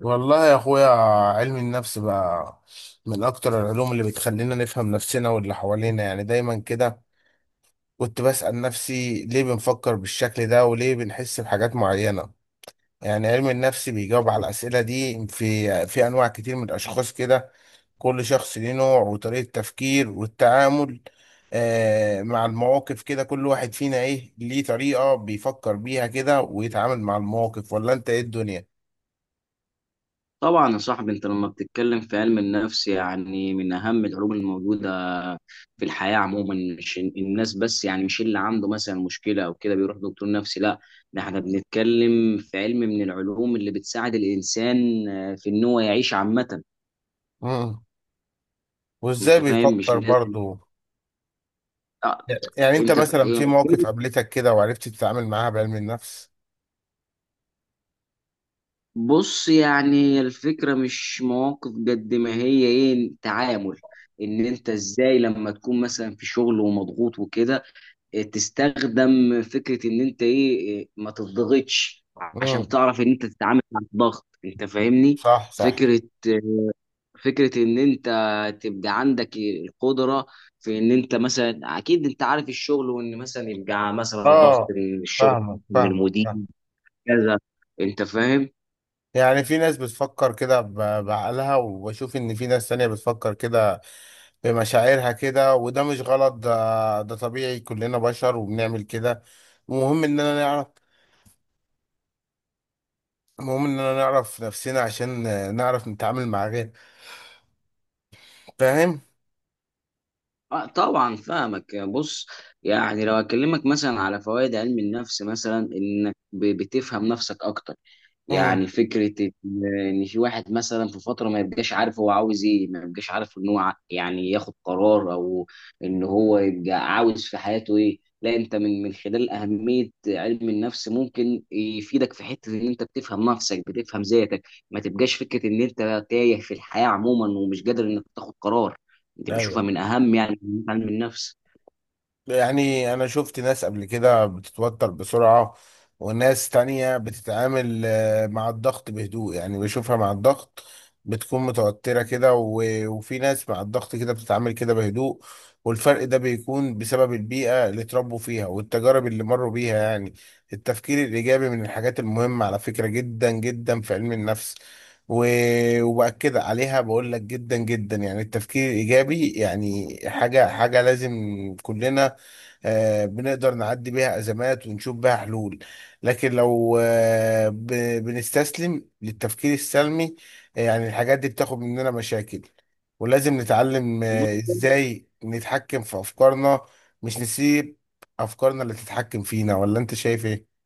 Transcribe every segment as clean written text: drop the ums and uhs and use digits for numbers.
والله يا اخويا، علم النفس بقى من اكتر العلوم اللي بتخلينا نفهم نفسنا واللي حوالينا. يعني دايما كده كنت بسأل نفسي ليه بنفكر بالشكل ده وليه بنحس بحاجات معينة. يعني علم النفس بيجاوب على الأسئلة دي في انواع كتير من الاشخاص كده. كل شخص ليه نوع وطريقة تفكير والتعامل آه مع المواقف كده. كل واحد فينا ايه ليه طريقة بيفكر بيها كده ويتعامل مع المواقف، ولا انت ايه الدنيا؟ طبعا يا صاحبي، انت لما بتتكلم في علم النفس يعني من اهم العلوم الموجوده في الحياه عموما. مش الناس بس، يعني مش اللي عنده مثلا مشكله او كده بيروح دكتور نفسي. لا، ده احنا بنتكلم في علم من العلوم اللي بتساعد الانسان في ان هو يعيش عامه. وازاي انت فاهم؟ مش بيفكر لازم. برضه؟ آه. يعني انت انت ف... مثلا آه، في مواقف قابلتك كده وعرفت تتعامل معاها بعلم النفس؟ بص، يعني الفكرة مش مواقف قد ما هي ايه، تعامل. ان انت ازاي لما تكون مثلا في شغل ومضغوط وكده، تستخدم فكره ان انت ايه، ما تضغطش، امم، عشان تعرف ان انت تتعامل مع الضغط. انت فاهمني؟ صح صح. فكره فكره ان انت تبقى عندك القدره في ان انت مثلا، اكيد انت عارف الشغل، وان مثلا يبقى مثلا ضغط اه، من الشغل، فاهمك من فاهمك المدير، فاهم. كذا. انت فاهم؟ يعني في ناس بتفكر كده بعقلها، وبشوف ان في ناس تانية بتفكر كده بمشاعرها كده. وده مش غلط، ده طبيعي، كلنا بشر وبنعمل كده. المهم اننا نعرف، المهم اننا نعرف نفسنا عشان نعرف نتعامل مع غير. فاهم؟ آه طبعا فاهمك. بص، يعني لو اكلمك مثلا على فوائد علم النفس، مثلا انك بتفهم نفسك اكتر. امم، يعني فكره ان إن في واحد مثلا في فتره ما يبقاش عارف هو عاوز ايه، ما يبقاش عارف ان هو يعني ياخد قرار، او ان هو يبقى عاوز في حياته ايه. لا، انت من خلال اهميه علم النفس ممكن يفيدك في حته ان انت بتفهم نفسك، بتفهم ذاتك، ما تبقاش فكره ان انت تايه في الحياه عموما ومش قادر انك تاخد قرار. دي بشوفها ايوه. من اهم، يعني من علم النفس. يعني انا شفت ناس قبل كده بتتوتر بسرعة، وناس تانية بتتعامل مع الضغط بهدوء. يعني بشوفها مع الضغط بتكون متوترة كده، وفي ناس مع الضغط كده بتتعامل كده بهدوء. والفرق ده بيكون بسبب البيئة اللي اتربوا فيها والتجارب اللي مروا بيها. يعني التفكير الإيجابي من الحاجات المهمة على فكرة، جدا جدا في علم النفس. وبأكد عليها بقول لك جدا جدا. يعني التفكير الإيجابي يعني حاجة حاجة لازم كلنا بنقدر نعدي بيها أزمات ونشوف بيها حلول. لكن لو بنستسلم للتفكير السلمي، يعني الحاجات دي بتاخد مننا مشاكل. ولازم نتعلم بص إزاي نتحكم في أفكارنا، مش نسيب أفكارنا اللي تتحكم فينا. ولا أنت شايف إيه؟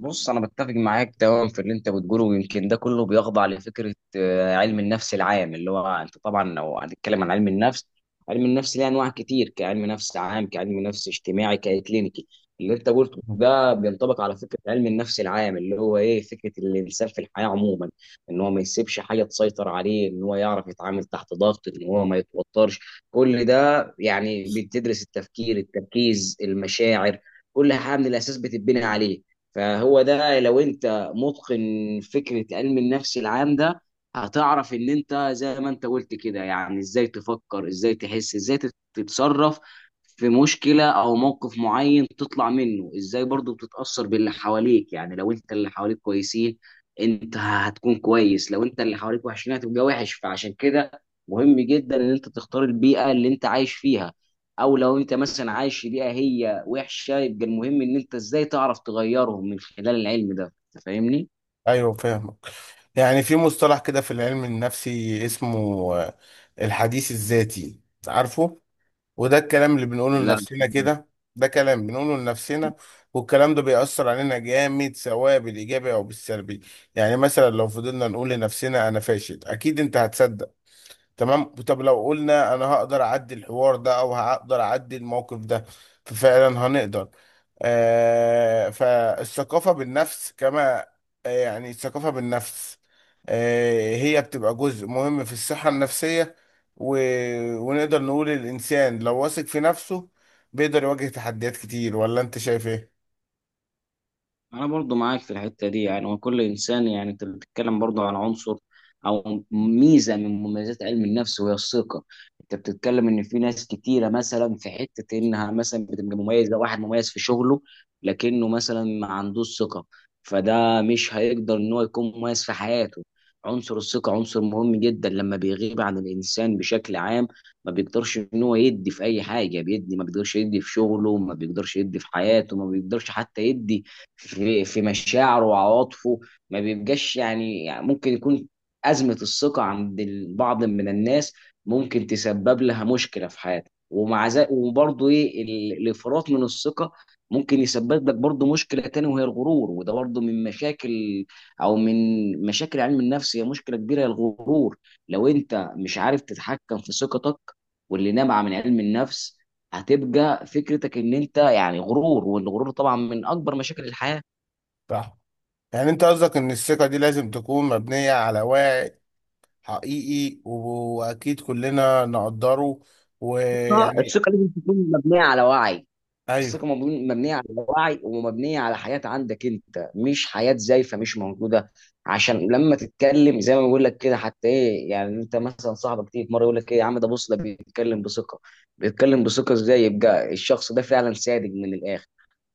بص انا بتفق معاك تماما في اللي انت بتقوله، ويمكن ده كله بيخضع لفكره علم النفس العام، اللي هو انت طبعا لو هنتكلم عن علم النفس، علم النفس ليه انواع كتير، كعلم نفس عام، كعلم نفس اجتماعي، ككلينيكي. اللي انت قلته ده بينطبق على فكره علم النفس العام، اللي هو ايه، فكره الانسان في الحياه عموما ان هو ما يسيبش حاجه تسيطر عليه، ان هو يعرف يتعامل تحت ضغط، ان هو ما يتوترش. كل ده يعني بتدرس التفكير، التركيز، المشاعر. كل حاجه من الاساس بتتبني عليه. فهو ده لو انت متقن فكرة علم النفس العام ده، هتعرف ان انت زي ما انت قلت كده، يعني ازاي تفكر، ازاي تحس، ازاي تتصرف في مشكلة او موقف معين، تطلع منه ازاي. برضو بتتأثر باللي حواليك، يعني لو انت اللي حواليك كويسين، انت هتكون كويس. لو انت اللي حواليك وحشين، هتبقى وحش. فعشان كده مهم جدا ان انت تختار البيئة اللي انت عايش فيها، او لو انت مثلا عايش في بيئه هي وحشه، يبقى المهم ان انت ازاي تعرف تغيرهم من خلال العلم ده. انت فاهمني؟ ايوه، فاهمك. يعني في مصطلح كده في العلم النفسي اسمه آه، الحديث الذاتي، عارفه؟ وده الكلام اللي بنقوله لا. لنفسنا كده. ده كلام بنقوله لنفسنا، والكلام ده بيأثر علينا جامد سواء بالإيجابي أو بالسلبي. يعني مثلا لو فضلنا نقول لنفسنا أنا فاشل، أكيد أنت هتصدق. تمام. طب لو قلنا انا هقدر اعدي الحوار ده او هقدر اعدي الموقف ده، ففعلا هنقدر. فالثقافة بالنفس كما يعني الثقافة بالنفس هي بتبقى جزء مهم في الصحة النفسية. و... ونقدر نقول الإنسان لو واثق في نفسه بيقدر يواجه تحديات كتير. ولا أنت شايف إيه؟ انا برضو معاك في الحته دي. يعني وكل انسان، يعني انت بتتكلم برضو عن عنصر او ميزه من مميزات علم النفس، وهي الثقه. انت بتتكلم ان في ناس كتيره مثلا، في حته انها مثلا بتبقى مميزه، واحد مميز في شغله لكنه مثلا ما عندوش ثقه، فده مش هيقدر ان هو يكون مميز في حياته. عنصر الثقه عنصر مهم جدا، لما بيغيب عن الانسان بشكل عام ما بيقدرش ان هو يدي في اي حاجه، بيدي، ما بيقدرش يدي في شغله، ما بيقدرش يدي في حياته، ما بيقدرش حتى يدي في مشاعره وعواطفه. ما بيبقاش يعني، يعني ممكن يكون أزمة الثقة عند البعض من الناس، ممكن تسبب لها مشكلة في حياتك. ومع ذلك وبرضه ايه، الانفراط من الثقة ممكن يسبب لك برضه مشكلة تانية وهي الغرور. وده برضه من مشاكل، أو من مشاكل علم النفس، هي مشكلة كبيرة، هي الغرور. لو أنت مش عارف تتحكم في ثقتك واللي نابعة من علم النفس، هتبقى فكرتك ان انت يعني غرور. والغرور طبعا من اكبر مشاكل الحياه. صح. يعني أنت قصدك إن الثقة دي لازم تكون مبنية على وعي حقيقي، واكيد كلنا نقدره. آه، ويعني الثقه لازم تكون مبنيه على وعي. ايوه، الثقه مبنيه على وعي، ومبنيه على حياه عندك انت، مش حياه زيفه مش موجوده. عشان لما تتكلم زي ما بقول لك كده، حتى ايه، يعني انت مثلا صاحبك تيجي في مره يقول لك ايه، يا عم ده بص، ده بيتكلم بثقه. بيتكلم بثقه ازاي؟ يبقى الشخص ده فعلا صادق من الاخر.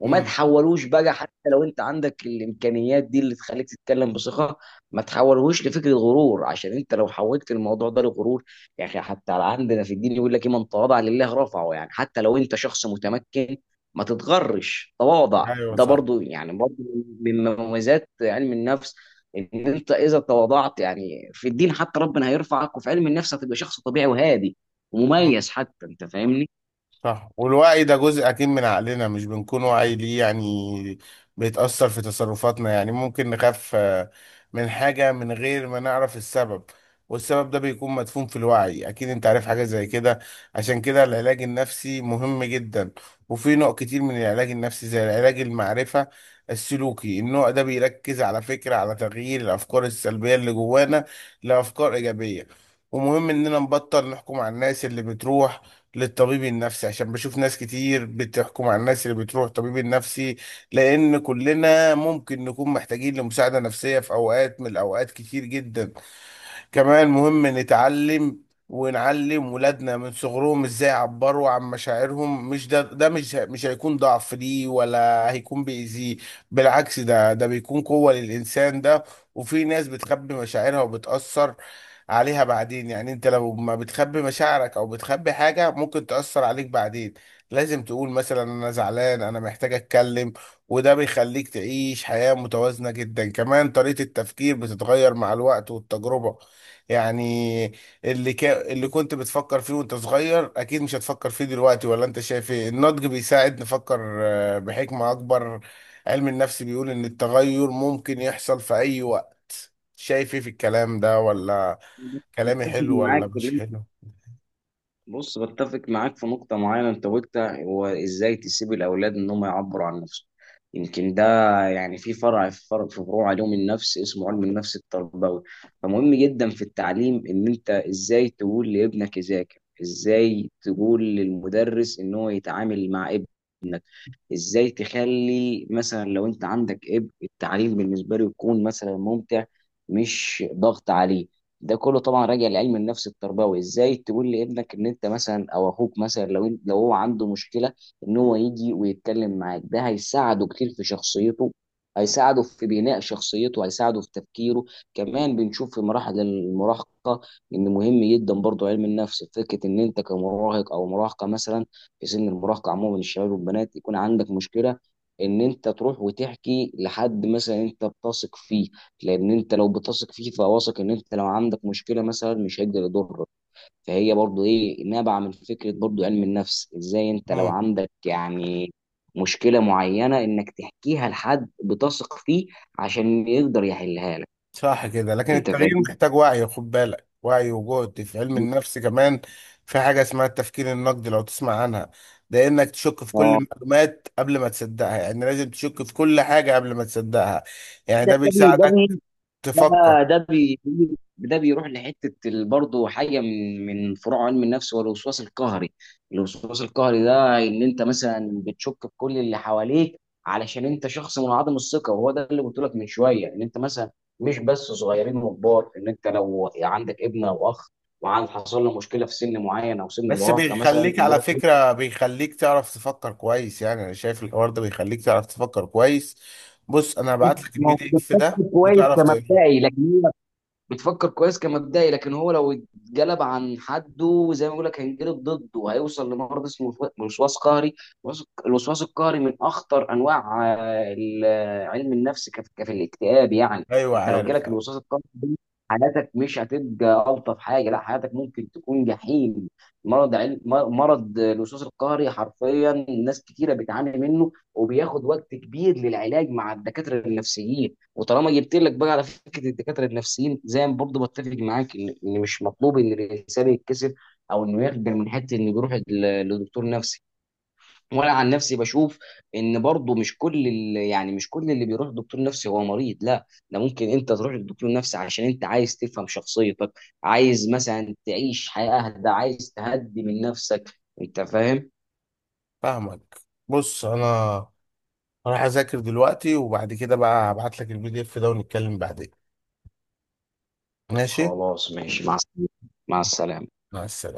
وما امم، تحولوش بقى، حتى لو انت عندك الامكانيات دي اللي تخليك تتكلم بثقه، ما تحولهوش لفكره غرور. عشان انت لو حولت الموضوع ده لغرور، يا اخي حتى عندنا في الدين يقول لك ايه، من تواضع لله رفعه. يعني حتى لو انت شخص متمكن، ما تتغرش. تواضع ايوه، ده صح برضو، يعني برضو من مميزات علم النفس، ان انت اذا تواضعت، يعني في الدين حتى ربنا هيرفعك، وفي علم النفس هتبقى شخص طبيعي وهادي ومميز حتى. انت فاهمني؟ صح. والوعي ده جزء أكيد من عقلنا، مش بنكون واعي ليه. يعني بيتأثر في تصرفاتنا. يعني ممكن نخاف من حاجة من غير ما نعرف السبب. والسبب ده بيكون مدفون في الوعي، أكيد أنت عارف حاجة زي كده. عشان كده العلاج النفسي مهم جدا. وفي نوع كتير من العلاج النفسي زي العلاج المعرفة السلوكي. النوع ده بيركز على فكرة، على تغيير الأفكار السلبية اللي جوانا لأفكار إيجابية. ومهم إننا نبطل نحكم على الناس اللي بتروح للطبيب النفسي، عشان بشوف ناس كتير بتحكم على الناس اللي بتروح الطبيب النفسي. لأن كلنا ممكن نكون محتاجين لمساعدة نفسية في أوقات من الأوقات كتير جدا. كمان مهم نتعلم ونعلم ولادنا من صغرهم ازاي يعبروا عن مشاعرهم. مش ده ده مش هيكون ضعف ليه، ولا هيكون بيأذيه. بالعكس، ده بيكون قوة للإنسان ده. وفي ناس بتخبي مشاعرها وبتأثر عليها بعدين. يعني انت لو ما بتخبي مشاعرك او بتخبي حاجة ممكن تأثر عليك بعدين. لازم تقول مثلا انا زعلان، انا محتاج اتكلم. وده بيخليك تعيش حياة متوازنة جدا. كمان طريقة التفكير بتتغير مع الوقت والتجربة. يعني اللي كنت بتفكر فيه وانت صغير اكيد مش هتفكر فيه دلوقتي. ولا انت شايف ايه؟ النضج بيساعد نفكر بحكمة اكبر. علم النفس بيقول ان التغير ممكن يحصل في اي وقت. شايف ايه في الكلام ده؟ ولا كلامي متفق حلو ولا معاك. مش حلو؟ بص، بتفق معاك في نقطة معينة أنت قلتها، هو إزاي تسيب الأولاد إن هم يعبروا عن نفسهم. يمكن ده، يعني في فروع علوم النفس اسمه علم النفس التربوي. فمهم جدا في التعليم إن أنت إزاي تقول لابنك يذاكر، إزاي تقول للمدرس إن هو يتعامل مع ابنه، ازاي تخلي مثلا لو انت عندك ابن التعليم بالنسبه له يكون مثلا ممتع مش ضغط عليه. ده كله طبعا راجع لعلم النفس التربوي. ازاي تقول لابنك ان انت مثلا، او اخوك مثلا، لو انت لو هو عنده مشكله ان هو يجي ويتكلم معاك، ده هيساعده كتير في شخصيته، هيساعده في بناء شخصيته، هيساعده في تفكيره. كمان بنشوف في مراحل المراهقه ان مهم جدا برضو علم النفس، فكره ان انت كمراهق او مراهقه مثلا، في سن المراهقه عموما الشباب والبنات، يكون عندك مشكله ان انت تروح وتحكي لحد مثلا انت بتثق فيه. لان انت لو بتثق فيه، فواثق ان انت لو عندك مشكله مثلا مش هيقدر يضرك. فهي برضو ايه، نابعه من فكره برضو علم النفس، ازاي انت لو عندك يعني مشكله معينه، انك تحكيها لحد بتثق فيه عشان يقدر يحلها لك. صح كده. لكن انت التغيير فاهم؟ محتاج وعي، خد بالك، وعي وجهد. في علم النفس كمان في حاجة اسمها التفكير النقدي، لو تسمع عنها. ده انك تشك في كل اه. المعلومات قبل ما تصدقها، يعني لازم تشك في كل حاجة قبل ما تصدقها. يعني ده ده ده بي- ده بيساعدك تفكر. ده ده بي ده بيروح لحته برضه حاجه من فروع علم النفس، والوسواس القهري. الوسواس القهري ده ان انت مثلا بتشك في كل اللي حواليك، علشان انت شخص منعدم الثقه. وهو ده اللي قلت لك من شويه، ان انت مثلا مش بس صغيرين وكبار، ان انت لو عندك ابن او اخ وعند حصل له مشكله في سن معين او سن بس المراهقه مثلا، بيخليك انه على يروح. فكرة، بيخليك تعرف تفكر كويس. يعني انا شايف الحوار ده بيخليك تعرف تفكر كويس. بص، انا هبعت لك البي دي موجود. اف ده كويس وتعرف تقراه. كمبدئي، لكن بتفكر كويس كمبدئي، لكن هو لو اتجلب عن حده زي ما بقول لك هينجلب ضده، وهيوصل لمرض اسمه وسواس قهري. الوسواس القهري من اخطر انواع علم النفس، كف الاكتئاب يعني. ايوه انت لو عارف. جالك الوسواس القهري ده، حياتك مش هتبقى الطف حاجه. لا، حياتك ممكن تكون جحيم. مرض الوسواس القهري حرفيا ناس كتيره بتعاني منه، وبياخد وقت كبير للعلاج مع الدكاتره النفسيين. وطالما جبت لك بقى على فكره الدكاتره النفسيين، زي ما برضه بتفق معاك، ان إن مش مطلوب ان الانسان يتكسف او انه يخجل من حته انه يروح لدكتور نفسي. وانا عن نفسي بشوف ان برضه مش كل يعني مش كل اللي بيروح لدكتور نفسي هو مريض. لا، ده ممكن انت تروح لدكتور نفسي عشان انت عايز تفهم شخصيتك، عايز مثلا تعيش حياه اهدى، عايز تهدي من نفسك. انت فاهم؟ فاهمك. بص انا راح اذاكر دلوقتي، وبعد كده بقى هبعت لك الـPDF ده ونتكلم بعدين. ماشي، خلاص ماشي، مع السلامه. مع السلامه. مع السلامة.